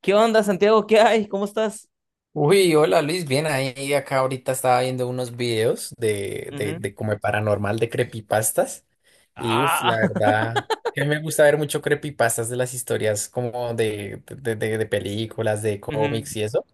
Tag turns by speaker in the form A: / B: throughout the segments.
A: ¿Qué onda, Santiago? ¿Qué hay? ¿Cómo estás?
B: Uy, hola Luis, bien ahí. Acá ahorita estaba viendo unos videos de, de,
A: Ujú.
B: de como de paranormal de creepypastas. Y uff, la
A: Ah,
B: verdad, que me gusta ver mucho creepypastas de las historias como de películas, de
A: ujú.
B: cómics y eso.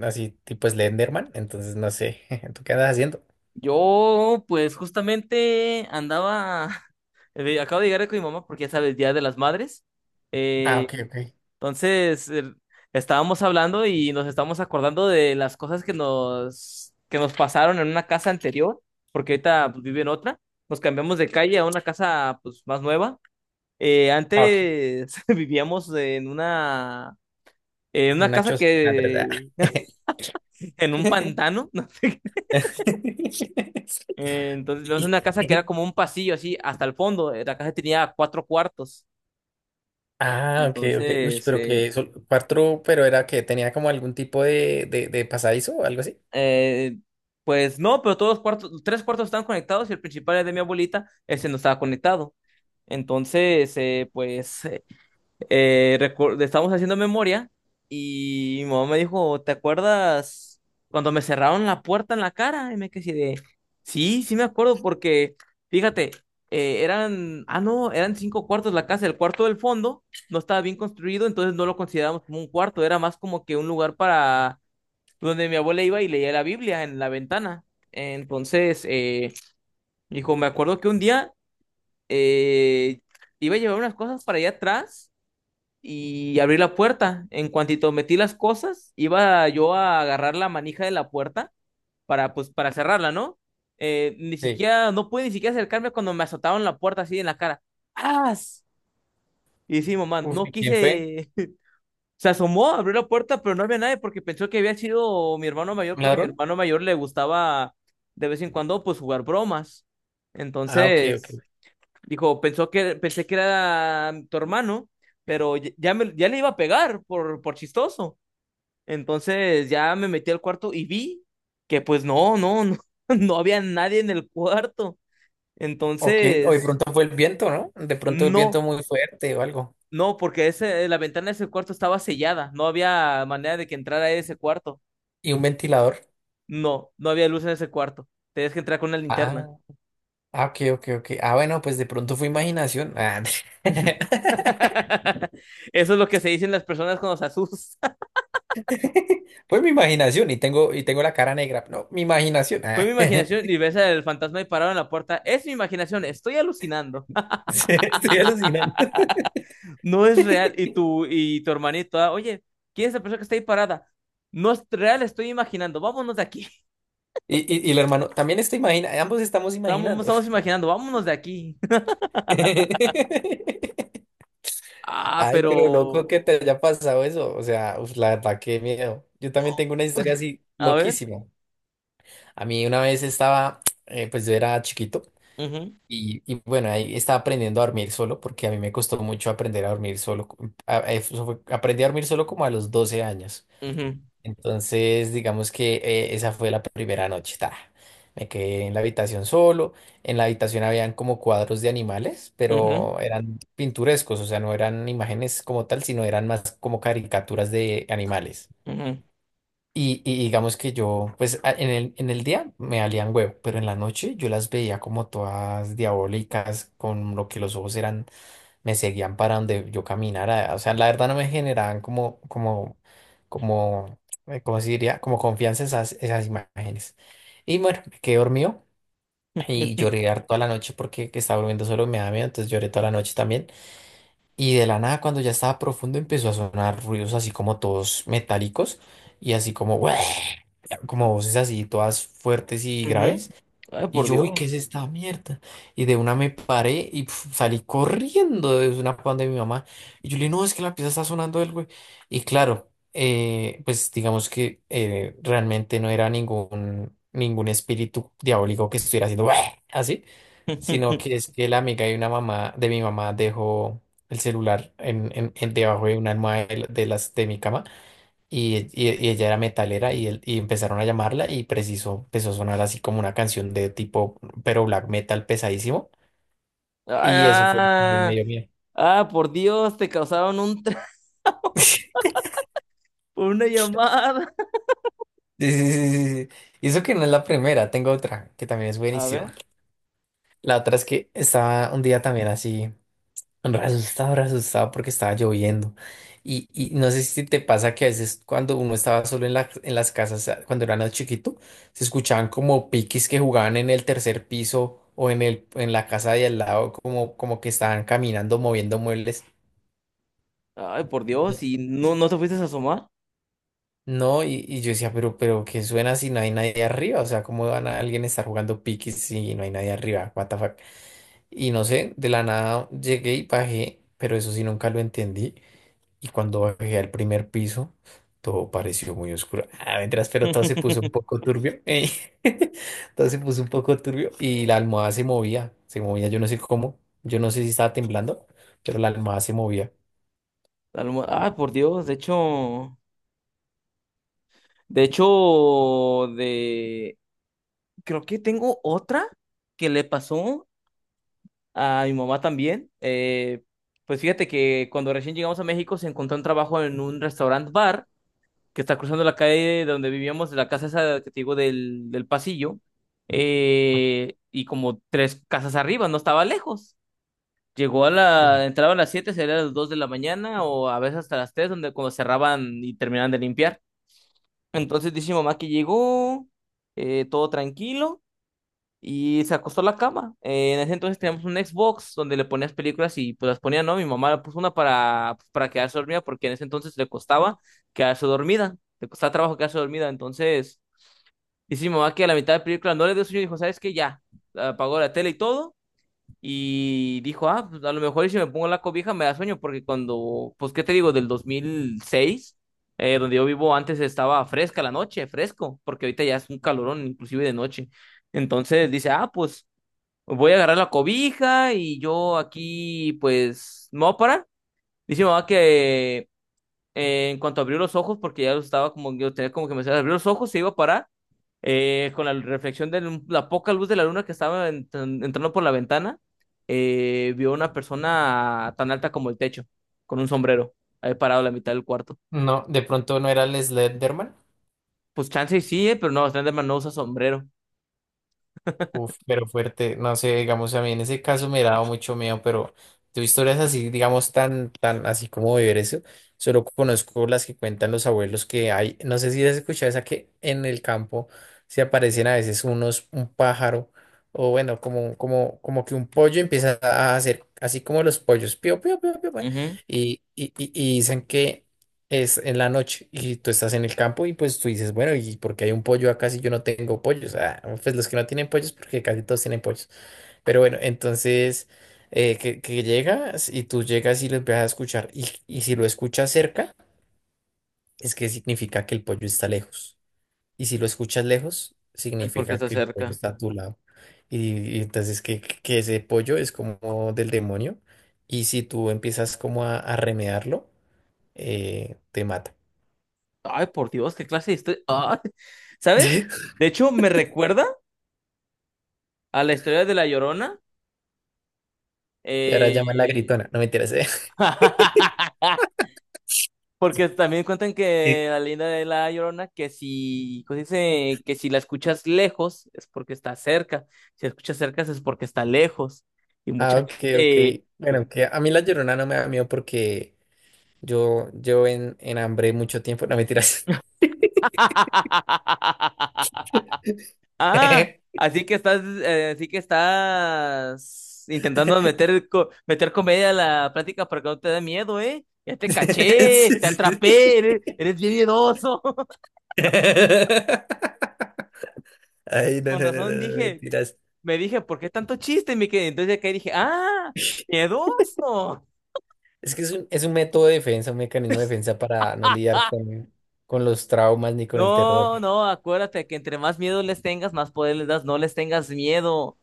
B: Así tipo Slenderman. Entonces no sé, ¿tú qué andas haciendo?
A: Yo, pues justamente andaba, acabo de llegar con mi mamá porque ya sabes, Día de las Madres.
B: Ah,
A: Eh,
B: ok, ok.
A: entonces, eh, Estábamos hablando y nos estábamos acordando de las cosas que nos pasaron en una casa anterior, porque ahorita pues, vive en otra. Nos cambiamos de calle a una casa pues más nueva.
B: Ah, ok.
A: Antes vivíamos en una
B: Una
A: casa
B: choza. Ah, tres,
A: que
B: ah.
A: en un pantano, no sé. Entonces vimos una casa que era como un pasillo así hasta el fondo. La casa tenía 4 cuartos.
B: Ah, ok, ok. Uy,
A: Entonces,
B: pero
A: eh,
B: cuatro, pero era que tenía como algún tipo de pasadizo o algo así.
A: eh, pues no, pero todos los cuartos, 3 cuartos estaban conectados y el principal era de mi abuelita, ese no estaba conectado. Entonces, eh, pues Estábamos haciendo memoria y mi mamá me dijo, ¿te acuerdas cuando me cerraron la puerta en la cara? Y me quedé así de, sí, me acuerdo porque, fíjate, eran, no, eran 5 cuartos la casa. El cuarto del fondo no estaba bien construido, entonces no lo considerábamos como un cuarto, era más como que un lugar para donde mi abuela iba y leía la Biblia en la ventana. Entonces, eh, Dijo, me acuerdo que un día eh, iba a llevar unas cosas para allá atrás y abrí la puerta. En cuantito metí las cosas, iba yo a agarrar la manija de la puerta para, pues, para cerrarla, ¿no? Ni
B: Sí.
A: siquiera, no pude ni siquiera acercarme cuando me azotaron la puerta así en la cara. ¡Ah! Y sí, mamá,
B: Uf,
A: no
B: ¿y quién fue?
A: quise. Se asomó, abrió la puerta, pero no había nadie porque pensó que había sido mi hermano mayor,
B: ¿Un
A: porque a mi
B: ladrón?
A: hermano mayor le gustaba de vez en cuando, pues, jugar bromas.
B: Ah, ok, ok.
A: Entonces. Dijo, pensé que era tu hermano, pero ya le iba a pegar por chistoso. Entonces ya me metí al cuarto y vi que pues no, no había nadie en el cuarto.
B: Ok, o de
A: Entonces,
B: pronto fue el viento, ¿no? De pronto el viento
A: no,
B: muy fuerte o algo.
A: no, porque ese, la ventana de ese cuarto estaba sellada. No había manera de que entrara ese cuarto.
B: Y un ventilador.
A: No, no había luz en ese cuarto. Tenías que entrar con una
B: Ah,
A: linterna.
B: ah, ok, ok, ok. Ah, bueno, pues de pronto fue imaginación. Ah,
A: Eso es lo que se dicen las personas cuando se asustan.
B: fue mi imaginación y tengo la cara negra. No, mi imaginación.
A: Fue mi
B: Ah,
A: imaginación y ves al fantasma ahí parado en la puerta. Es mi imaginación, estoy alucinando.
B: sí, estoy alucinando.
A: No es real. Y tu hermanito, ah, oye, ¿quién es la persona que está ahí parada? No es real, estoy imaginando. Vámonos de aquí.
B: Y el hermano, también está imagina, ambos estamos
A: Estamos,
B: imaginando.
A: estamos imaginando, vámonos de aquí. Ah,
B: Ay, pero
A: pero...
B: loco que te haya pasado eso. O sea, uf, la verdad, qué miedo. Yo también
A: no.
B: tengo una historia así
A: A ver.
B: loquísima. A mí una vez estaba, pues yo era chiquito
A: Ujú,
B: y bueno, ahí estaba aprendiendo a dormir solo porque a mí me costó mucho aprender a dormir solo. Aprendí a dormir solo como a los 12 años.
A: ujú,
B: Entonces, digamos que esa fue la primera noche. Ta. Me quedé en la habitación solo. En la habitación habían como cuadros de animales,
A: ujú,
B: pero eran pintorescos, o sea, no eran imágenes como tal, sino eran más como caricaturas de animales.
A: ujú,
B: Y digamos que yo, pues en el día me valían huevo, pero en la noche yo las veía como todas diabólicas, con lo que los ojos eran me seguían para donde yo caminara. O sea, la verdad no me generaban como, ¿cómo se diría? Como confianza esas, esas imágenes. Y bueno, me quedé dormido y
A: ujú.
B: lloré toda la noche porque que estaba durmiendo solo me daba miedo, entonces lloré toda la noche también. Y de la nada, cuando ya estaba profundo, empezó a sonar ruidos así como todos metálicos y así como, como voces así todas fuertes y
A: Ujú.
B: graves.
A: Ay,
B: Y
A: por
B: yo, uy, ¿qué es
A: Dios.
B: esta mierda? Y de una me paré y pf, salí corriendo de una pan de mi mamá. Y yo le dije, no, es que la pieza está sonando el güey. Y claro, pues digamos que realmente no era ningún espíritu diabólico que estuviera haciendo "Uah", así, sino que es que la amiga de una mamá, de mi mamá, dejó el celular debajo de una almohada de, de las de mi cama. Y ella era metalera y empezaron a llamarla y preciso empezó a sonar así como una canción de tipo, pero black metal pesadísimo. Y eso fue lo que me
A: Ah,
B: dio miedo.
A: por Dios, te causaron un... una llamada.
B: Sí, sí, sí, sí, sí. Y eso que no es la primera, tengo otra que también es
A: A ver.
B: buenísima. La otra es que estaba un día también así. Re asustado porque estaba lloviendo. Y no sé si te pasa que a veces cuando uno estaba solo en en las casas, cuando era más chiquito, se escuchaban como piquis que jugaban en el tercer piso o en en la casa de al lado, como, como que estaban caminando, moviendo muebles.
A: Ay, por Dios, ¿y no, no te fuiste a asomar?
B: No, y yo decía, pero, ¿qué suena si no hay nadie arriba? O sea, ¿cómo van a alguien estar jugando piquis si no hay nadie arriba? What the fuck? Y no sé, de la nada llegué y bajé, pero eso sí nunca lo entendí. Y cuando bajé al primer piso, todo pareció muy oscuro. Ah, mientras, pero todo se puso un poco turbio. Todo se puso un poco turbio y la almohada se movía, yo no sé cómo, yo no sé si estaba temblando, pero la almohada se movía.
A: Ay, por Dios, de hecho, de hecho, de creo que tengo otra que le pasó a mi mamá también. Pues fíjate que cuando recién llegamos a México se encontró un trabajo en un restaurant bar, que está cruzando la calle de donde vivíamos, de la casa esa que te digo del pasillo, y como 3 casas arriba, no estaba lejos. Llegó a la,
B: Sí.
A: entraba a las 7, sería a las 2 de la mañana o a veces hasta las 3 donde cuando cerraban y terminaban de limpiar. Entonces dice mi mamá que llegó, todo tranquilo. Y se acostó a la cama. En ese entonces teníamos un Xbox donde le ponías películas y pues las ponía, ¿no? Mi mamá le puso una para, pues, para quedarse dormida porque en ese entonces le costaba quedarse dormida. Le costaba trabajo quedarse dormida. Entonces, dice mi mamá que a la mitad de película no le dio sueño y dijo, ¿sabes qué? Ya. Apagó la tele y todo. Y dijo, ah, pues a lo mejor y si me pongo la cobija me da sueño, porque cuando, pues, ¿qué te digo? Del 2006, donde yo vivo antes estaba fresca la noche, fresco, porque ahorita ya es un calorón inclusive de noche. Entonces dice, ah, pues voy a agarrar la cobija y yo aquí, pues, me voy a parar. Dice mi mamá que en cuanto abrió los ojos, porque ya los estaba como, yo tenía como que me abrió los ojos, se iba a parar, con la reflexión de la poca luz de la luna que estaba entrando por la ventana, vio una persona tan alta como el techo, con un sombrero, ahí parado a la mitad del cuarto.
B: No, de pronto no era el Slenderman.
A: Pues chance y sí, pero no, Slenderman no usa sombrero.
B: Uf, pero fuerte, no sé, digamos, a mí en ese caso me daba mucho miedo, pero de historias así, digamos, tan, así como vivir eso, solo conozco las que cuentan los abuelos que hay, no sé si has escuchado esa que en el campo se aparecen a veces un pájaro, o bueno, como que un pollo empieza a hacer, así como los pollos, pío, pío, pío, pío, pío,
A: Ujú.
B: y dicen que es en la noche y tú estás en el campo y pues tú dices, bueno, ¿y porque hay un pollo acá si yo no tengo pollos? Ah, pues los que no tienen pollos, porque casi todos tienen pollos. Pero bueno, entonces que llegas y tú llegas y lo empiezas a escuchar y si lo escuchas cerca, es que significa que el pollo está lejos. Y si lo escuchas lejos,
A: Porque
B: significa
A: está
B: que el
A: cerca.
B: pollo está a tu lado. Y entonces que ese pollo es como del demonio y si tú empiezas como a remedarlo, te mata.
A: Ay, por Dios, qué clase de historia. Ay, ¿sabes? De hecho, me recuerda a la historia de La Llorona.
B: Que ahora llaman la
A: eh,
B: gritona, no me interesa.
A: Porque también cuentan que la leyenda de La Llorona, que si, ¿cómo se dice? Que si la escuchas lejos es porque está cerca. Si la escuchas cerca es porque está lejos. Y
B: Ah,
A: mucha
B: ok, ok.
A: gente...
B: Bueno, que a mí la llorona no me da miedo porque yo en hambre mucho tiempo, no me tiras.
A: Ah, así que estás intentando meter, meter comedia a la plática para que no te dé miedo, ¿eh? Ya te caché, te atrapé, eres, eres bien miedoso.
B: Ay, no,
A: Con
B: no, no,
A: razón
B: no, no,
A: dije,
B: mentiras.
A: me dije, ¿por qué tanto chiste, mi querido? Entonces acá dije, ah, miedoso.
B: Es que es es un método de defensa, un mecanismo de defensa para no lidiar
A: Ah,
B: con los traumas ni con el terror.
A: no, no, Acuérdate que entre más miedo les tengas, más poder les das, no les tengas miedo.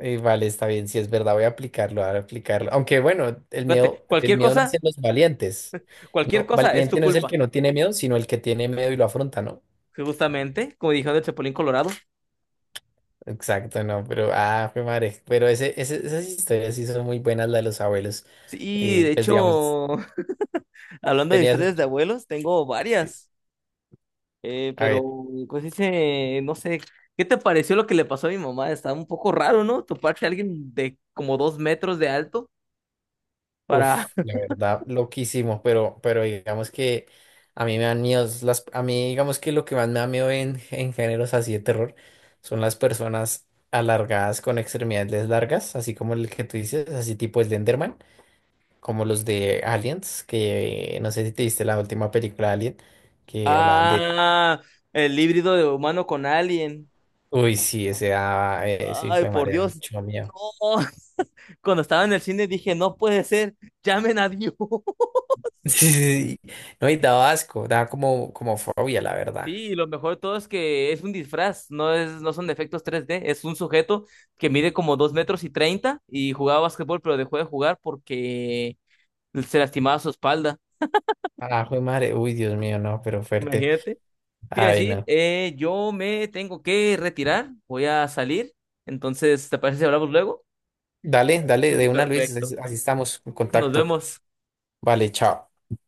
B: Vale, está bien, si es verdad, voy a aplicarlo, voy a aplicarlo. Aunque bueno,
A: Acuérdate,
B: el miedo nace en los valientes.
A: cualquier
B: No,
A: cosa es
B: valiente
A: tu
B: no es el
A: culpa,
B: que no tiene miedo, sino el que tiene miedo y lo afronta, ¿no?
A: justamente, como dijeron el Chapulín Colorado.
B: Exacto, no, pero ah, fue madre. Pero esas historias sí son muy buenas, las de los abuelos.
A: Sí, de
B: Pues digamos,
A: hecho, hablando de
B: tenías.
A: historias de abuelos, tengo varias, eh,
B: A
A: pero
B: ver.
A: pues dice, no sé, ¿qué te pareció lo que le pasó a mi mamá? Está un poco raro, ¿no? Toparse a alguien de como 2 metros de alto para...
B: Uf, la verdad, loquísimo, pero digamos que a mí me dan miedos, las, a mí digamos que lo que más me da miedo en géneros así de terror son las personas alargadas con extremidades largas, así como el que tú dices, así tipo Slenderman, como los de Aliens, que no sé si te viste la última película de Alien, que hablaban de,
A: Ah, el híbrido de humano con alien.
B: uy, sí, ese daba, sí, hijo
A: Ay,
B: de
A: por
B: madre, daba
A: Dios.
B: mucho miedo.
A: Oh, cuando estaba en el cine dije, no puede ser, llamen a Dios.
B: Sí, sí, sí. No, y daba asco, daba como, como fobia, la
A: Sí,
B: verdad.
A: y lo mejor de todo es que es un disfraz, no es, no son efectos tres d, es un sujeto que mide como 2 metros y 30 y jugaba básquetbol, pero dejó de jugar porque se lastimaba su espalda.
B: Ah, jue madre, uy, Dios mío, no, pero fuerte.
A: Imagínate. Te iba a
B: Ay,
A: decir,
B: no.
A: yo me tengo que retirar, voy a salir. Entonces, ¿te parece si hablamos luego?
B: Dale, dale, de una, Luis, así
A: Perfecto.
B: así estamos en
A: Nos
B: contacto.
A: vemos.
B: Vale, chao.